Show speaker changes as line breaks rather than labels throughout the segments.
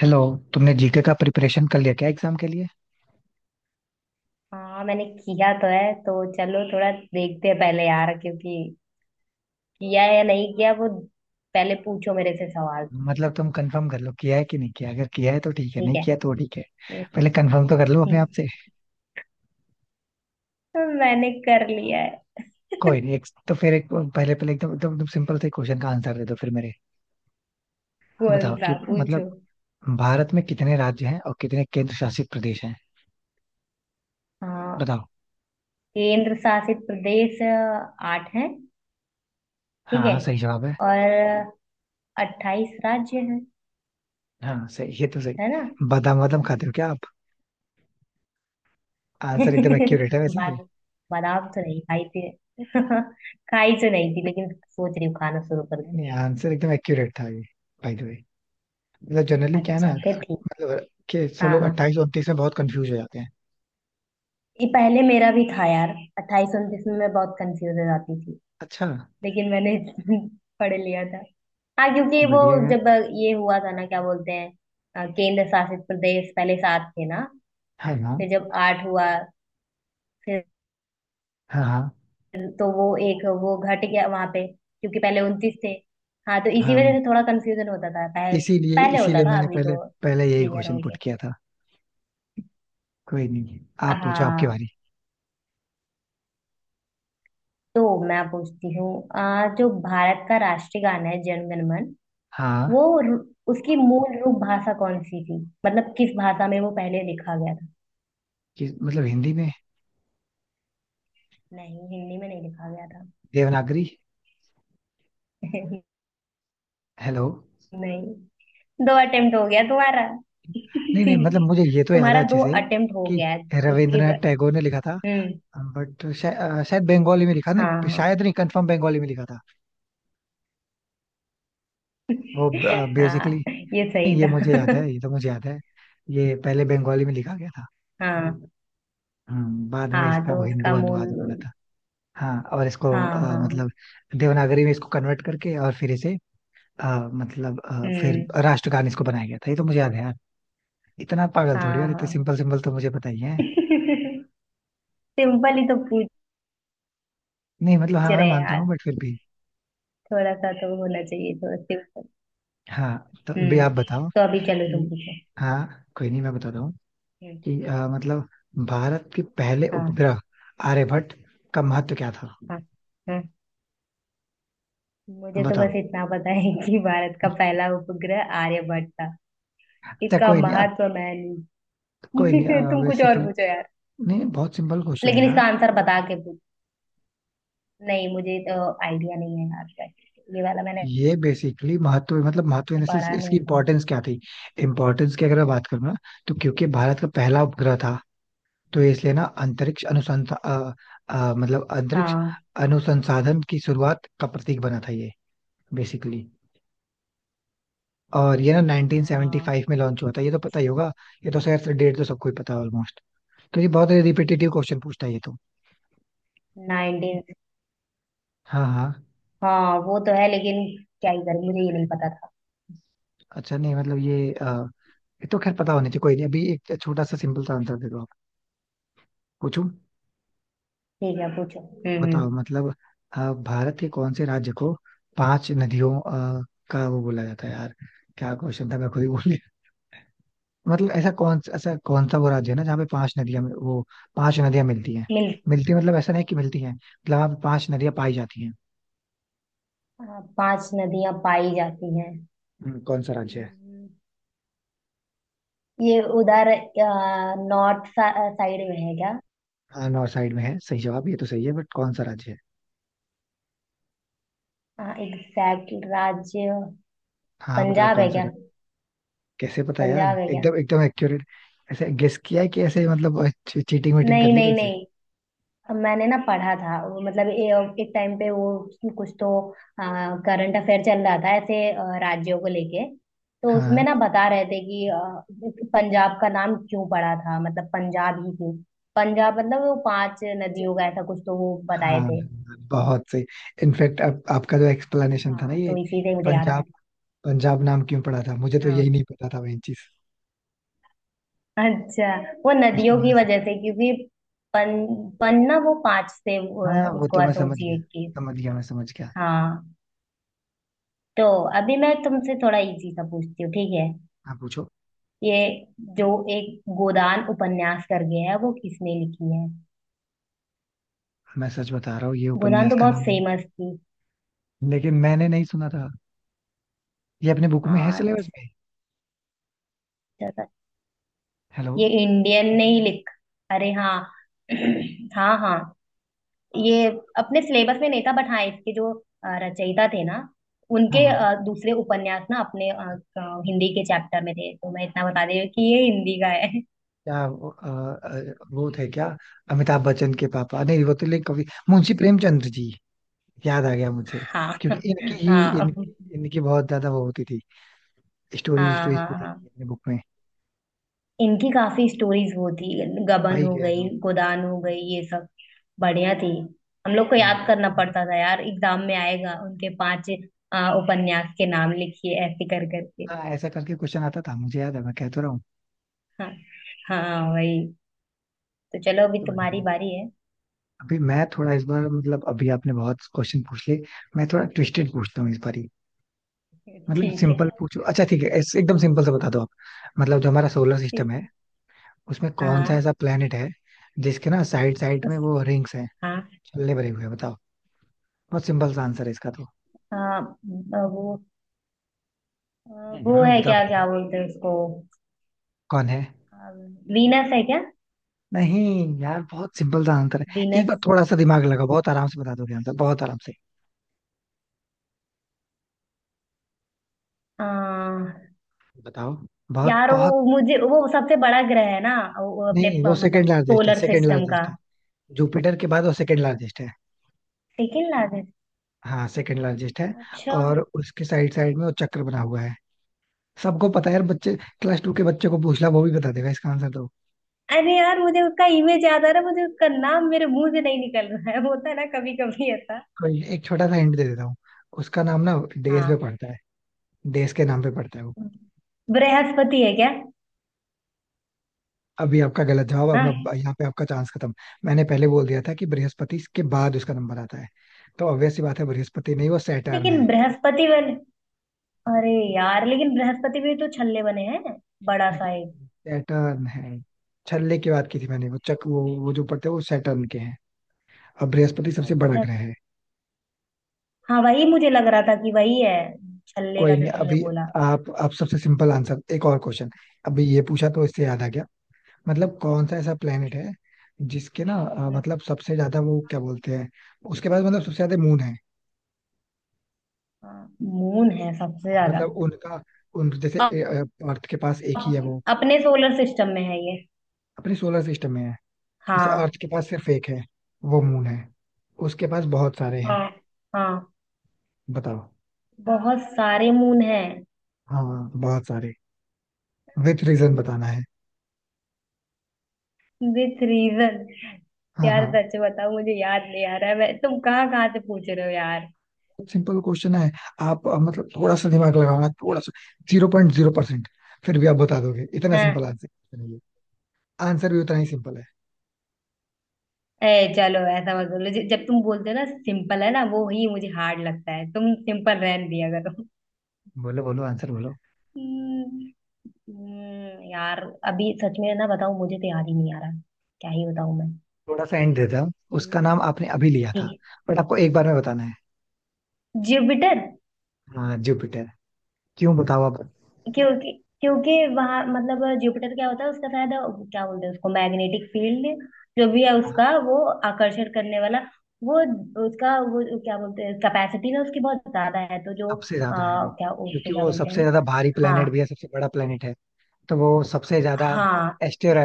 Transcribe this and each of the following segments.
Hello. तुमने GK का preparation कर लिया क्या एग्जाम के लिए?
हाँ, मैंने किया तो है, तो चलो थोड़ा देखते हैं पहले यार, क्योंकि किया है या नहीं किया वो पहले पूछो मेरे से सवाल तुम।
मतलब तुम कंफर्म कर लो किया है कि नहीं किया। अगर किया है तो ठीक है,
ठीक
नहीं किया तो ठीक है।
है।
पहले कंफर्म तो कर लो अपने आप से।
मैंने कर लिया है।
कोई नहीं। एक तो फिर एक पहले पहले एकदम एकदम एकदम सिंपल से क्वेश्चन का आंसर दे दो फिर मेरे।
कौन
बताओ
सा
कि मतलब
पूछो?
भारत में कितने राज्य हैं और कितने केंद्र शासित प्रदेश हैं।
हाँ।
बताओ।
केंद्र शासित प्रदेश आठ है। ठीक
हाँ हाँ,
है।
सही जवाब है।
और 28 राज्य हैं,
हाँ सही, ये तो
है ना?
सही। बादाम वादाम खाते हो क्या आप? आंसर एकदम एक्यूरेट है वैसे ये।
बाद बादाम तो नहीं खाई थी। खाई तो नहीं थी, लेकिन सोच रही हूँ खाना शुरू कर दूँ।
नहीं, आंसर एकदम एक्यूरेट था ये। बाय द वे, मतलब जनरली क्या है ना,
अच्छा, फिर ठीक।
मतलब कि सब
हाँ,
लोग 28
हाँ।
29 में बहुत कंफ्यूज हो जाते हैं।
ये पहले मेरा भी था यार। 28 29 में मैं बहुत कंफ्यूज हो जाती थी,
अच्छा।
लेकिन मैंने पढ़ लिया था। हाँ, क्योंकि वो
बढ़िया यार।
जब ये हुआ था ना, क्या बोलते हैं, केंद्र शासित प्रदेश पहले सात थे ना।
हाँ हाँ।
फिर जब आठ हुआ, फिर
हाँ हाँ।
तो वो एक वो घट गया वहां पे, क्योंकि पहले 29 थे। हाँ, तो इसी वजह
हाँ।
से थोड़ा कंफ्यूजन होता था पहले।
इसीलिए
पहले होता
इसीलिए
था,
मैंने
अभी
पहले,
तो
पहले यही
क्लियर हो
क्वेश्चन पुट
गया।
किया था। कोई नहीं। आप पूछो, आपकी
हाँ।
बारी।
तो मैं पूछती हूँ, जो भारत का राष्ट्रीय गाना है जन गण मन,
हाँ,
वो रु- उसकी मूल रूप भाषा कौन सी थी? मतलब किस भाषा में वो पहले लिखा गया था?
कि मतलब हिंदी में।
नहीं, हिंदी में नहीं लिखा गया था।
देवनागरी। हेलो।
नहीं, दो अटेम्प्ट हो गया तुम्हारा।
नहीं नहीं, मतलब
ठीक।
मुझे ये तो याद है
तुम्हारा
अच्छे
दो
से
अटेम्प्ट हो
कि
गया है उसके बाद।
रविंद्रनाथ टैगोर ने लिखा था।
हम्म।
बट शायद बंगाली में लिखा,
हाँ,
नहीं
हाँ।
शायद, नहीं कंफर्म, बंगाली में लिखा था वो। बेसिकली
हाँ, ये
नहीं
सही
नहीं, ये
था।
मुझे याद है, ये तो मुझे याद है। ये पहले बंगाली में लिखा गया था।
हाँ,
बाद में
हाँ,
इसका वो
तो
हिंदी
उसका
अनुवाद भी बना
मूल।
था। हाँ और इसको
हाँ, हाँ।
मतलब देवनागरी में इसको कन्वर्ट करके और फिर इसे अ, मतलब फिर
हम्म।
राष्ट्रगान इसको बनाया गया था। ये तो मुझे याद है यार। इतना पागल थोड़ी
हाँ,
यार, इतने
हाँ।
सिंपल सिंपल तो मुझे पता ही है।
सिंपल ही तो पूछ
नहीं मतलब हाँ, मैं
रहे हैं
मानता
यार।
हूँ बट फिर भी।
थोड़ा सा तो होना चाहिए थोड़ा।
हाँ, तो भी
हम्म
आप बताओ
तो अभी चलो तुम
कि।
पूछो।
हाँ कोई नहीं, मैं बता रहा हूँ
हम्म।
कि मतलब भारत के पहले
हाँ,
उपग्रह आर्यभट्ट का महत्व क्या था।
हाँ। हाँ, मुझे तो
बताओ।
बस इतना पता है कि भारत का पहला उपग्रह आर्यभट्ट था।
अच्छा,
इसका
कोई नहीं अब।
महत्व मैं
कोई
नहीं।
नहीं
तुम कुछ और
बेसिकली।
पूछो यार।
नहीं, बहुत सिंपल क्वेश्चन है
लेकिन
यार।
इसका आंसर बता के पूछ। नहीं, मुझे तो आइडिया नहीं है यार। ये वाला मैंने
ये बेसिकली महत्व मतलब महत्व इन इसकी
पढ़ा
इसकी
नहीं था।
इम्पोर्टेंस क्या थी। इम्पोर्टेंस की अगर मैं बात करूँ ना, तो क्योंकि भारत का पहला उपग्रह था तो इसलिए ना अंतरिक्ष अनुसंधान, मतलब अंतरिक्ष
हाँ,
अनुसंसाधन की शुरुआत का प्रतीक बना था ये बेसिकली। और ये ना
हाँ।
1975 में लॉन्च हुआ था, ये तो पता ही
अच्छा।
होगा। ये तो शायद डेट तो सबको ही पता है ऑलमोस्ट, क्योंकि बहुत रिपीटेटिव क्वेश्चन पूछता है ये तो।
19।
हाँ हाँ।
हाँ, वो तो है लेकिन क्या ही करें, मुझे ये नहीं पता था।
अच्छा नहीं, मतलब ये तो खैर पता होनी चाहिए। कोई नहीं, अभी एक छोटा सा सिंपल सा आंसर दे दो आप। पूछूं।
ठीक है, पूछो। हम्म।
बताओ
हम्म।
मतलब भारत के कौन से राज्य को पांच नदियों का वो बोला जाता है यार? क्या क्वेश्चन था मैं खुद ही भूल गया। मतलब ऐसा कौन सा वो राज्य है ना जहाँ पे पांच नदियां वो पांच नदियां मिलती हैं?
मिल
मिलती मतलब ऐसा नहीं कि मिलती हैं, मतलब वहाँ पे पांच नदियां पाई जाती हैं।
हाँ, पांच नदियां पाई जाती
कौन सा राज्य है?
हैं। ये उधर नॉर्थ साइड में है क्या?
हाँ नॉर्थ साइड में है, सही जवाब, ये तो सही है बट कौन सा राज्य है?
एग्जैक्ट राज्य।
हाँ बताओ
पंजाब है
कौन सा।
क्या?
कैसे पता यार,
पंजाब है क्या?
एकदम एकदम एक्यूरेट! ऐसे गेस किया है कि ऐसे मतलब चीटिंग वीटिंग कर
नहीं,
ली
नहीं,
कहीं से?
नहीं। अब मैंने ना पढ़ा था वो, मतलब एक टाइम पे वो, कुछ तो करंट अफेयर चल रहा था ऐसे राज्यों को लेके, तो उसमें
हाँ
ना बता रहे थे कि पंजाब का नाम क्यों पड़ा था, मतलब पंजाब ही क्यों। पंजाब मतलब वो पांच नदियों का, ऐसा कुछ तो वो
हाँ।
बताए थे।
हाँ, बहुत सही। इनफैक्ट अब आपका जो एक्सप्लेनेशन था ना
हाँ,
ये
तो इसी से
कि
मुझे याद आया।
पंजाब, पंजाब नाम क्यों पड़ा था, मुझे तो यही
हाँ।
नहीं पता था वही चीज।
अच्छा, वो नदियों की वजह से, क्योंकि पन, पन ना वो पांच से
हाँ हाँ, वो
उसको
तो मैं समझ गया,
एसोसिएट की थी।
समझ गया मैं, समझ गया।
हाँ। तो अभी मैं तुमसे थोड़ा इजी सा पूछती हूँ, ठीक है?
आप पूछो।
ये जो एक गोदान उपन्यास करके है, वो किसने लिखी है?
मैं सच बता रहा हूँ ये
गोदान
उपन्यास
तो
का नाम
बहुत
मैंने,
फेमस थी।
लेकिन मैंने नहीं सुना था। ये अपने बुक में है
हाँ,
सिलेबस में?
अच्छा था।
हेलो।
ये इंडियन नहीं लिख। अरे हाँ। हाँ, हाँ। ये अपने सिलेबस में नहीं था, बट हाँ, इसके जो रचयिता थे ना,
हाँ
उनके
हाँ।
दूसरे उपन्यास ना अपने, हिंदी के चैप्टर में थे, तो मैं इतना बता दे रही हूँ कि ये हिंदी का है।
क्या वो अ, अ, वो थे क्या अमिताभ बच्चन के पापा? नहीं वो तो, लेकिन कवि मुंशी प्रेमचंद्र जी, याद आ गया मुझे।
हाँ,
क्योंकि इनकी ही
हाँ,
इनकी इनकी बहुत ज्यादा वो होती थी, स्टोरी
हाँ।
स्टोरी
हाँ,
होती थी
हाँ,
अपने बुक में।
इनकी काफी स्टोरीज वो थी। गबन
वही
हो
कह रहा
गई,
हूँ।
गोदान हो गई, ये सब बढ़िया थी। हम लोग को
हाँ
याद
जी।
करना पड़ता था यार, एग्जाम में आएगा उनके पांच उपन्यास के नाम लिखिए, ऐसे कर करके।
हाँ, ऐसा करके क्वेश्चन आता था, मुझे याद है, मैं कह तो रहा हूँ।
हाँ। हाँ, वही। तो चलो, अभी
तो
तुम्हारी बारी है।
अभी मैं थोड़ा इस बार, मतलब अभी आपने बहुत क्वेश्चन पूछ लिए, मैं थोड़ा ट्विस्टेड पूछता हूँ इस बार ही। मतलब
ठीक है।
सिंपल पूछो, अच्छा ठीक है, ऐसे एकदम सिंपल से बता दो आप। मतलब जो हमारा सोलर सिस्टम
ठीक।
है, उसमें कौन सा
हाँ।
ऐसा प्लेनेट है जिसके ना साइड साइड में
उस-
वो रिंग्स हैं,
हाँ,
छल्ले भरे हुए हैं? बताओ। बहुत सिंपल सा आंसर है इसका तो।
हाँ। वो अ, वो
हाँ
है,
बता
क्या
बता,
क्या बोलते हैं उसको?
कौन है?
वीनस है क्या?
नहीं यार, बहुत सिंपल सा आंसर है, एक
वीनस।
बार थोड़ा सा दिमाग लगाओ, बहुत आराम से बता दोगे आंसर, बहुत आराम से।
आ,
बताओ, बहुत
यार वो,
बहुत।
मुझे वो सबसे बड़ा ग्रह है ना वो, अपने
नहीं, वो
मतलब
सेकंड लार्जेस्ट है,
सोलर
सेकंड
सिस्टम का।
लार्जेस्ट है, जुपिटर के बाद वो सेकंड लार्जेस्ट है।
Second largest.
हाँ, सेकंड लार्जेस्ट है।
अच्छा।
और उसके साइड साइड में वो चक्र बना हुआ है। सबको पता है यार, बच्चे क्लास टू के बच्चे को पूछ ला, वो भी बता देगा इसका आंसर।
अरे यार, मुझे उसका इमेज याद आ रहा है, मुझे उसका नाम मेरे मुंह से नहीं निकल रहा है। होता है ना कभी कभी ऐसा।
कोई एक छोटा सा हिंट दे देता हूँ। उसका नाम ना देश पे
हाँ।
पड़ता है, देश के नाम पे पड़ता है वो।
बृहस्पति है क्या?
अभी आपका गलत जवाब अब।
हाँ,
यहाँ पे आपका चांस खत्म। मैंने पहले बोल दिया था कि बृहस्पति के बाद उसका नंबर आता है, तो ऑब्वियस सी बात है, बृहस्पति नहीं, वो सैटर्न
लेकिन
है।
बृहस्पति वाले। अरे यार, लेकिन बृहस्पति भी तो छल्ले बने हैं, बड़ा
नहीं,
सा एक।
सैटर्न है। छल्ले की बात की थी मैंने, वो चक वो जो पड़ते हैं वो सैटर्न के हैं। अब बृहस्पति सबसे बड़ा
अच्छा।
ग्रह है।
हाँ, वही मुझे लग रहा था कि वही है। छल्ले
कोई
का जो
नहीं
तुमने
अभी।
बोला।
आप सबसे सिंपल आंसर, एक और क्वेश्चन। अभी ये पूछा तो इससे याद आ गया, मतलब कौन सा ऐसा
कुछ।
प्लेनेट है जिसके ना
हम्म।
मतलब सबसे ज्यादा वो क्या बोलते हैं, उसके पास मतलब सबसे ज्यादा मून है?
हाँ, मून है सबसे
हाँ,
ज्यादा।
मतलब उनका, उन जैसे
अप,
अर्थ के पास एक ही है वो।
अपने सोलर सिस्टम में है ये।
अपने सोलर सिस्टम में है। जैसे अर्थ
हाँ,
के पास सिर्फ एक है, वो मून है। उसके पास बहुत सारे हैं।
हाँ, हाँ।
बताओ।
बहुत सारे मून हैं।
हाँ बहुत सारे। विथ रीजन बताना है।
With reason.
हाँ
यार
हाँ।
सच बताओ, मुझे याद नहीं आ रहा है। मैं तुम कहाँ कहाँ से पूछ रहे हो यार।
सिंपल क्वेश्चन है। आप मतलब थोड़ा सा दिमाग लगाना, थोड़ा सा जीरो पॉइंट जीरो परसेंट फिर भी आप बता दोगे, इतना सिंपल आंसर नहीं है, आंसर भी उतना ही सिंपल है।
ए चलो, ऐसा मत बोलो, जब तुम बोलते हो ना सिंपल है ना, वो ही मुझे हार्ड लगता है। तुम सिंपल रहन दिया करो।
बोलो बोलो, आंसर बोलो।
हम्म। यार अभी सच में ना बताऊं, मुझे तो याद ही नहीं आ रहा। क्या ही बताऊं मैं।
थोड़ा सा हिंट देता हूँ, उसका
हम्म।
नाम आपने अभी लिया
ठीक
था
है।
बट आपको एक बार में बताना है।
जुपिटर।
हाँ जुपिटर। क्यों बताओ आप।
क्योंकि क्योंकि वहां मतलब जुपिटर क्या होता है उसका, शायद क्या बोलते हैं उसको, मैग्नेटिक फील्ड जो भी है
हाँ
उसका, वो आकर्षण करने वाला वो, उसका वो क्या बोलते हैं, कैपेसिटी ना उसकी बहुत ज्यादा है, तो जो
सबसे ज्यादा है वो,
क्या
क्योंकि
उसको क्या
वो
बोलते
सबसे
हैं।
ज्यादा भारी
हाँ,
प्लेनेट भी है, सबसे बड़ा प्लेनेट है, तो वो सबसे ज्यादा
हाँ,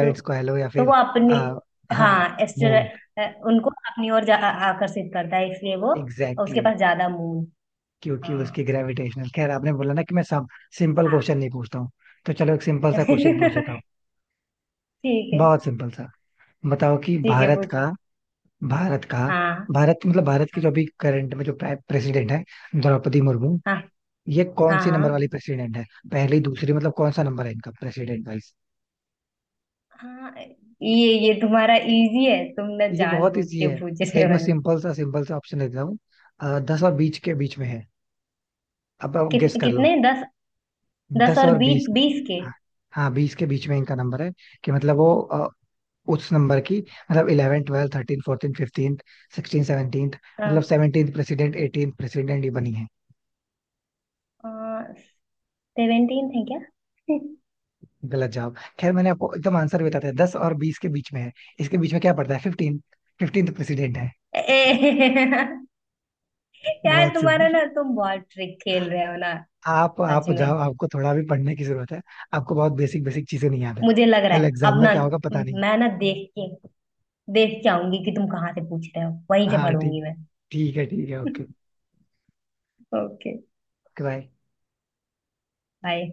तो
को कह लो या
तो
फिर,
वो अपनी।
आ, हाँ
हाँ, एस्टर,
मून।
उनको अपनी ओर आकर्षित करता है, इसलिए वो
एग्जैक्टली
उसके
exactly,
पास ज्यादा मून।
क्योंकि
हाँ।
उसकी ग्रेविटेशनल। खैर आपने बोला ना कि मैं सब सिंपल
हाँ
क्वेश्चन नहीं पूछता हूँ, तो चलो एक सिंपल सा क्वेश्चन पूछ लेता हूँ,
ठीक है।
बहुत सिंपल सा। बताओ कि
ठीक है,
भारत का
पूछो।
भारत का
हाँ,
भारत मतलब भारत की
हाँ,
जो अभी करंट में जो प्रेसिडेंट है, द्रौपदी मुर्मू,
हाँ,
ये कौन
हाँ,
सी
हाँ।
नंबर वाली प्रेसिडेंट है? पहली, दूसरी, मतलब कौन सा नंबर है इनका प्रेसिडेंट वाइज?
हाँ, ये तुम्हारा इजी है, तुम ना
ये बहुत
जानबूझ
इजी
के
है।
पूछ रहे
एक मैं
हो।
सिंपल सा ऑप्शन देता हूँ, 10 और 20 के बीच में है, अब आप
किस
गेस कर लो।
कितने? 10, 10
दस
और
और बीस
20,
के-
20 के।
हाँ हाँ, बीस के बीच में इनका नंबर है। कि मतलब वो उस नंबर की मतलब eleven twelfth thirteen fourteen fifteen sixteen seventeen, मतलब
हाँ।
सेवनटीन प्रेसिडेंट, एटीन प्रेसिडेंट ये बनी है?
17 है क्या?
गलत जवाब, खैर मैंने आपको एकदम आंसर बता दिया, दस और बीस के बीच में है, इसके बीच में क्या पड़ता है, फिफ्टीन, फिफ्टीन तो प्रेसिडेंट है।
ए, यार
बहुत
तुम्हारा
सिंपल।
ना, तुम बहुत ट्रिक खेल रहे हो ना।
आप
सच
आप
में।
जाओ, आपको थोड़ा भी पढ़ने की जरूरत है। आपको बहुत बेसिक बेसिक चीजें नहीं याद है,
मुझे लग रहा
कल
है
एग्जाम
अब
में
ना,
क्या होगा पता नहीं।
मैं ना देख के आऊंगी कि तुम कहाँ से पूछ रहे हो, वहीं से
हाँ
पढ़ूंगी
ठीक।
मैं।
ठीक है, ठीक है, ओके।
ओके।
बाय।
बाय।